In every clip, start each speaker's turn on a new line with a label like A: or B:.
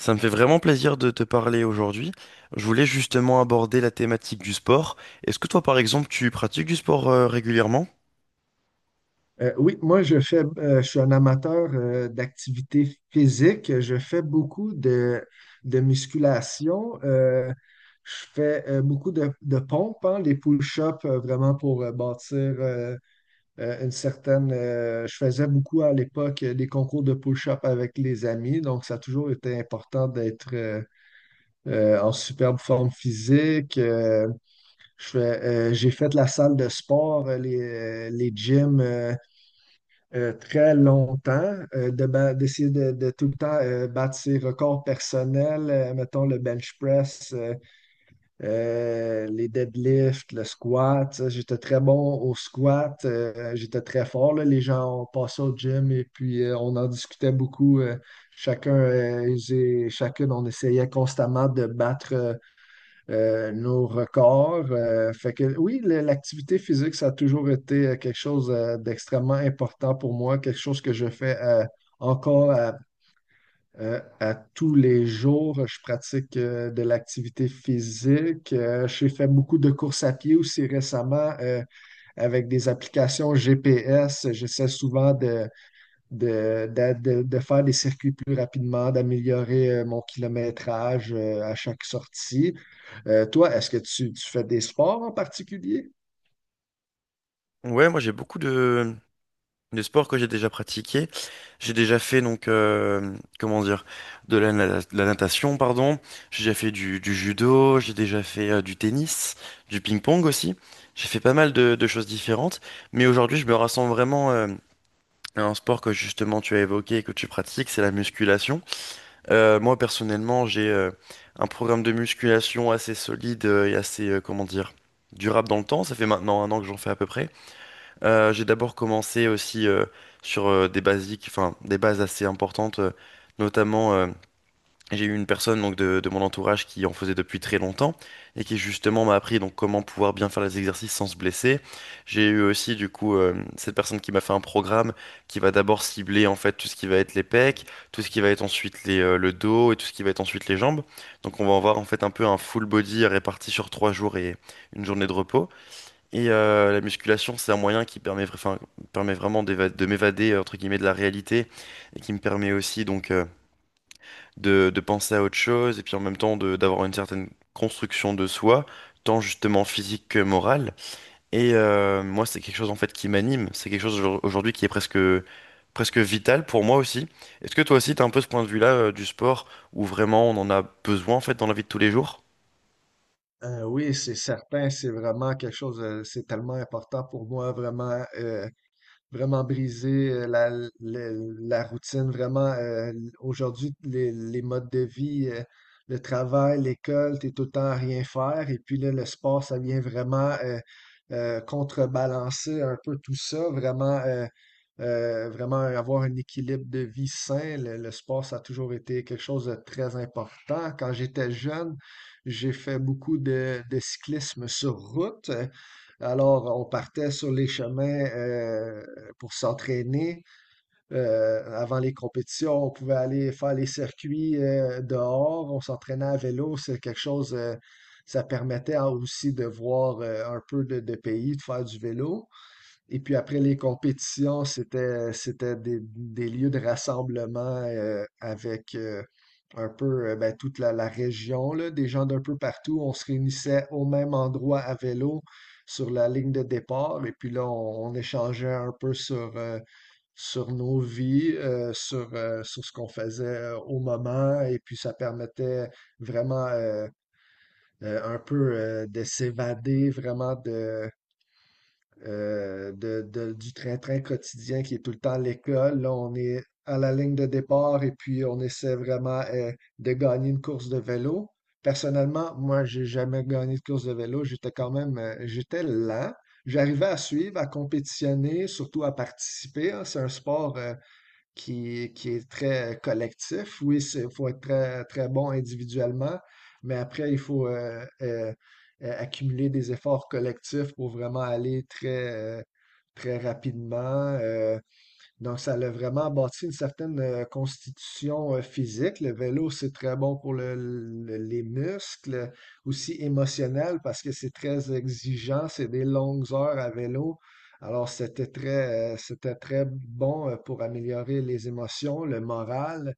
A: Ça me fait vraiment plaisir de te parler aujourd'hui. Je voulais justement aborder la thématique du sport. Est-ce que toi, par exemple, tu pratiques du sport régulièrement?
B: Oui, moi je fais, je suis un amateur d'activité physique. Je fais beaucoup de musculation. Je fais beaucoup de pompes, hein, les pull-ups vraiment pour bâtir une certaine. Je faisais beaucoup à l'époque des concours de pull ups avec les amis, donc ça a toujours été important d'être en superbe forme physique. Je fais, j'ai fait la salle de sport, les gyms. Très longtemps, d'essayer de tout le temps battre ses records personnels, mettons le bench press, les deadlifts, le squat. J'étais très bon au squat, j'étais très fort. Là. Les gens, on passait au gym et puis on en discutait beaucoup. Chacun, et j'ai- chacune, on essayait constamment de battre nos records. Fait que oui, l'activité physique, ça a toujours été quelque chose d'extrêmement important pour moi, quelque chose que je fais encore à tous les jours. Je pratique de l'activité physique. J'ai fait beaucoup de courses à pied aussi récemment avec des applications GPS. J'essaie souvent de faire des circuits plus rapidement, d'améliorer mon kilométrage à chaque sortie. Toi, est-ce que tu fais des sports en particulier?
A: Ouais, moi j'ai beaucoup de sports que j'ai déjà pratiqués. J'ai déjà fait donc comment dire de la natation, pardon. J'ai déjà fait du judo. J'ai déjà fait du tennis, du ping-pong aussi. J'ai fait pas mal de choses différentes. Mais aujourd'hui, je me rassemble vraiment à un sport que justement tu as évoqué et que tu pratiques, c'est la musculation. Moi personnellement, j'ai un programme de musculation assez solide et assez, comment dire, durable dans le temps. Ça fait maintenant un an que j'en fais à peu près. J'ai d'abord commencé aussi sur des basiques, enfin des bases assez importantes, notamment j'ai eu une personne donc de mon entourage qui en faisait depuis très longtemps et qui justement m'a appris donc comment pouvoir bien faire les exercices sans se blesser. J'ai eu aussi du coup cette personne qui m'a fait un programme qui va d'abord cibler en fait tout ce qui va être les pecs, tout ce qui va être ensuite le dos et tout ce qui va être ensuite les jambes. Donc on va avoir en fait un peu un full body réparti sur trois jours et une journée de repos. Et la musculation, c'est un moyen qui permet, enfin, permet vraiment de m'évader entre guillemets de la réalité et qui me permet aussi donc de penser à autre chose et puis en même temps de d'avoir une certaine construction de soi, tant justement physique que morale. Et moi, c'est quelque chose en fait qui m'anime, c'est quelque chose aujourd'hui qui est presque vital pour moi aussi. Est-ce que toi aussi, tu as un peu ce point de vue-là du sport où vraiment on en a besoin en fait dans la vie de tous les jours?
B: Oui, c'est certain, c'est vraiment quelque chose, c'est tellement important pour moi, vraiment. Vraiment briser la- la routine, vraiment, aujourd'hui, les modes de vie, le travail, l'école, t'es tout le temps à rien faire. Et puis là, le sport, ça vient vraiment contrebalancer un peu tout ça, vraiment, vraiment avoir un équilibre de vie sain. Le sport, ça a toujours été quelque chose de très important. Quand j'étais jeune, j'ai fait beaucoup de cyclisme sur route. Alors, on partait sur les chemins pour s'entraîner. Avant les compétitions, on pouvait aller faire les circuits dehors, on s'entraînait à vélo, c'est quelque chose, ça permettait aussi de voir un peu de pays, de faire du vélo. Et puis après les compétitions, c'était des lieux de rassemblement avec un peu ben, toute la région, là, des gens d'un peu partout. On se réunissait au même endroit à vélo sur la ligne de départ et puis là, on échangeait un peu sur sur nos vies, sur, sur ce qu'on faisait au moment, et puis ça permettait vraiment un peu de s'évader vraiment du train-train quotidien qui est tout le temps l'école. Là, on est à la ligne de départ et puis on essaie vraiment de gagner une course de vélo. Personnellement, moi, j'ai jamais gagné de course de vélo. J'étais quand même, j'étais lent. J'arrivais à suivre, à compétitionner, surtout à participer, hein. C'est un sport, qui est très collectif. Oui, il faut être très, très bon individuellement, mais après, il faut accumuler des efforts collectifs pour vraiment aller très, euh, très rapidement. Donc, ça a vraiment bâti une certaine constitution physique. Le vélo, c'est très bon pour les muscles, aussi émotionnel parce que c'est très exigeant, c'est des longues heures à vélo. Alors, c'était très bon pour améliorer les émotions, le moral.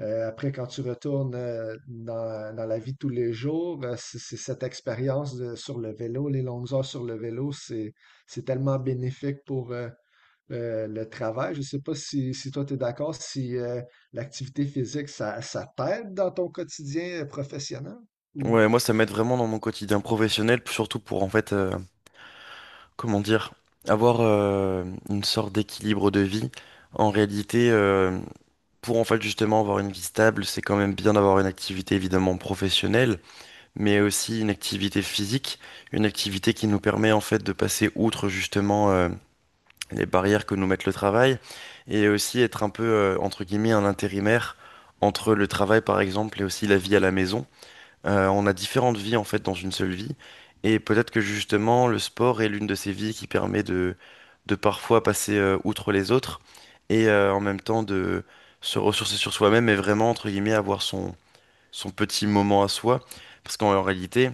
B: Après, quand tu retournes dans la vie de tous les jours, c'est cette expérience sur le vélo, les longues heures sur le vélo, c'est tellement bénéfique pour, le travail. Je ne sais pas si toi, tu es d'accord, si l'activité physique, ça t'aide dans ton quotidien professionnel? Ou...
A: Ouais, moi ça m'aide vraiment dans mon quotidien professionnel, surtout pour en fait, comment dire, avoir une sorte d'équilibre de vie. En réalité, pour en fait justement avoir une vie stable, c'est quand même bien d'avoir une activité évidemment professionnelle, mais aussi une activité physique, une activité qui nous permet en fait de passer outre justement les barrières que nous met le travail et aussi être un peu entre guillemets un intérimaire entre le travail par exemple et aussi la vie à la maison. On a différentes vies en fait dans une seule vie. Et peut-être que justement le sport est l'une de ces vies qui permet de parfois passer outre les autres et en même temps de se ressourcer sur soi-même et vraiment entre guillemets avoir son petit moment à soi. Parce qu'en réalité,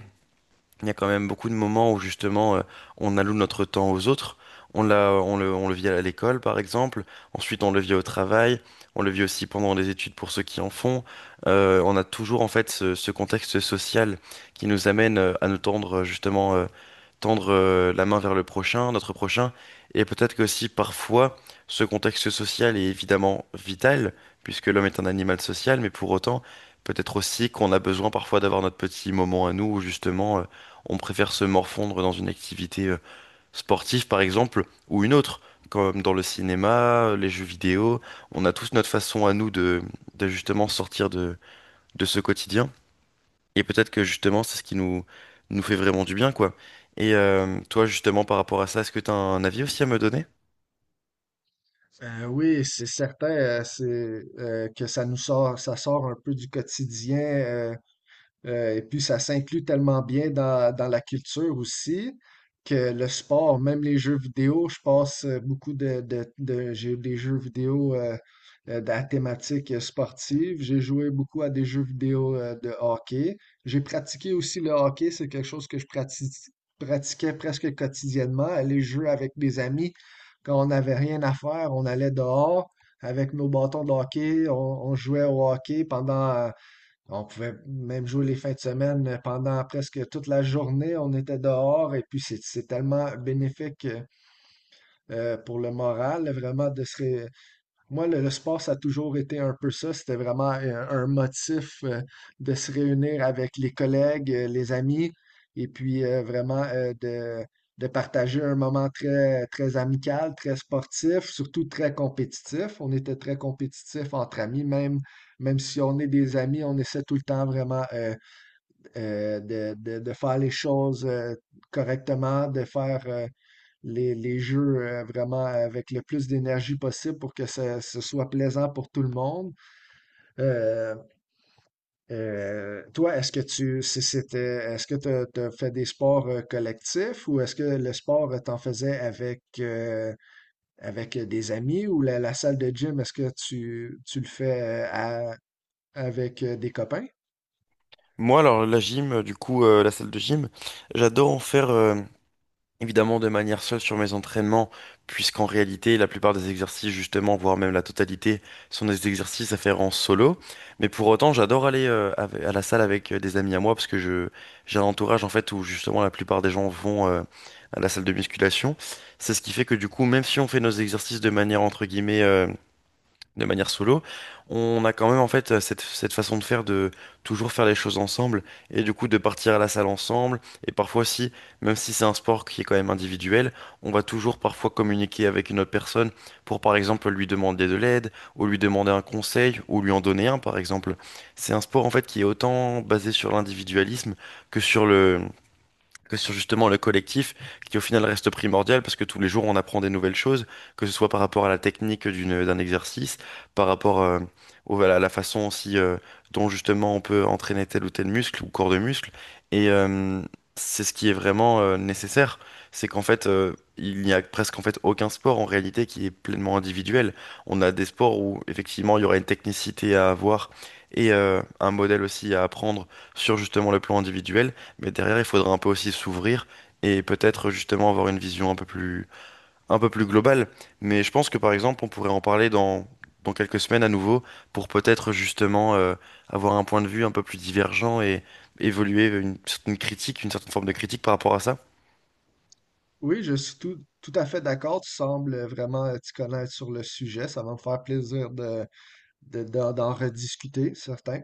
A: il y a quand même beaucoup de moments où justement on alloue notre temps aux autres. On le vit à l'école par exemple. Ensuite, on le vit au travail. On le vit aussi pendant les études pour ceux qui en font. On a toujours en fait ce contexte social qui nous amène à nous tendre justement tendre la main vers le prochain, notre prochain, et peut-être que aussi parfois ce contexte social est évidemment vital, puisque l'homme est un animal social, mais pour autant, peut-être aussi qu'on a besoin parfois d'avoir notre petit moment à nous où justement on préfère se morfondre dans une activité sportive par exemple, ou une autre, comme dans le cinéma, les jeux vidéo, on a tous notre façon à nous de justement sortir de ce quotidien. Et peut-être que justement, c'est ce qui nous fait vraiment du bien, quoi. Et toi, justement, par rapport à ça, est-ce que tu as un avis aussi à me donner?
B: Oui, c'est certain que ça nous sort, ça sort un peu du quotidien. Et puis, ça s'inclut tellement bien dans, dans la culture aussi que le sport, même les jeux vidéo, je passe beaucoup de- j'ai eu des jeux vidéo à thématique sportive. J'ai joué beaucoup à des jeux vidéo de hockey. J'ai pratiqué aussi le hockey. C'est quelque chose que pratiquais presque quotidiennement. Aller jouer avec des amis quand on n'avait rien à faire, on allait dehors avec nos bâtons de hockey. On jouait au hockey pendant on pouvait même jouer les fins de semaine pendant presque toute la journée. On était dehors et puis c'est tellement bénéfique pour le moral, vraiment, moi, le sport, ça a toujours été un peu ça. C'était vraiment un, motif de se réunir avec les collègues, les amis, et puis vraiment de partager un moment très, très amical, très sportif, surtout très compétitif. On était très compétitifs entre amis, même, même si on est des amis, on essaie tout le temps vraiment de faire les choses correctement, de faire les jeux vraiment avec le plus d'énergie possible pour que ce soit plaisant pour tout le monde. Euh, Toi, est-ce que tu si c'était est-ce que tu t'as fait des sports collectifs ou est-ce que le sport t'en faisais avec avec des amis ou la salle de gym, est-ce que tu le fais avec des copains?
A: Moi, alors, la salle de gym, j'adore en faire. Évidemment de manière seule sur mes entraînements, puisqu'en réalité, la plupart des exercices, justement, voire même la totalité, sont des exercices à faire en solo. Mais pour autant, j'adore aller à la salle avec des amis à moi, parce que je j'ai un entourage, en fait, où justement la plupart des gens vont à la salle de musculation. C'est ce qui fait que du coup, même si on fait nos exercices de manière, entre guillemets, de manière solo, on a quand même en fait cette façon de faire de toujours faire les choses ensemble et du coup de partir à la salle ensemble et parfois si même si c'est un sport qui est quand même individuel, on va toujours parfois communiquer avec une autre personne pour par exemple lui demander de l'aide ou lui demander un conseil ou lui en donner un par exemple. C'est un sport en fait qui est autant basé sur l'individualisme que sur le que sur justement le collectif qui au final reste primordial parce que tous les jours on apprend des nouvelles choses, que ce soit par rapport à la technique d'un exercice, par rapport à la façon aussi dont justement on peut entraîner tel ou tel muscle ou corps de muscle. Et c'est ce qui est vraiment nécessaire, c'est qu'en fait il n'y a presque en fait aucun sport en réalité qui est pleinement individuel. On a des sports où effectivement il y aura une technicité à avoir et un modèle aussi à apprendre sur justement le plan individuel. Mais derrière, il faudra un peu aussi s'ouvrir et peut-être justement avoir une vision un un peu plus globale. Mais je pense que par exemple, on pourrait en parler dans quelques semaines à nouveau pour peut-être justement avoir un point de vue un peu plus divergent et évoluer une certaine critique, une certaine forme de critique par rapport à ça.
B: Oui, je suis tout à fait d'accord. Tu sembles vraiment t'y connaître sur le sujet. Ça va me faire plaisir de, d'en rediscuter, certain.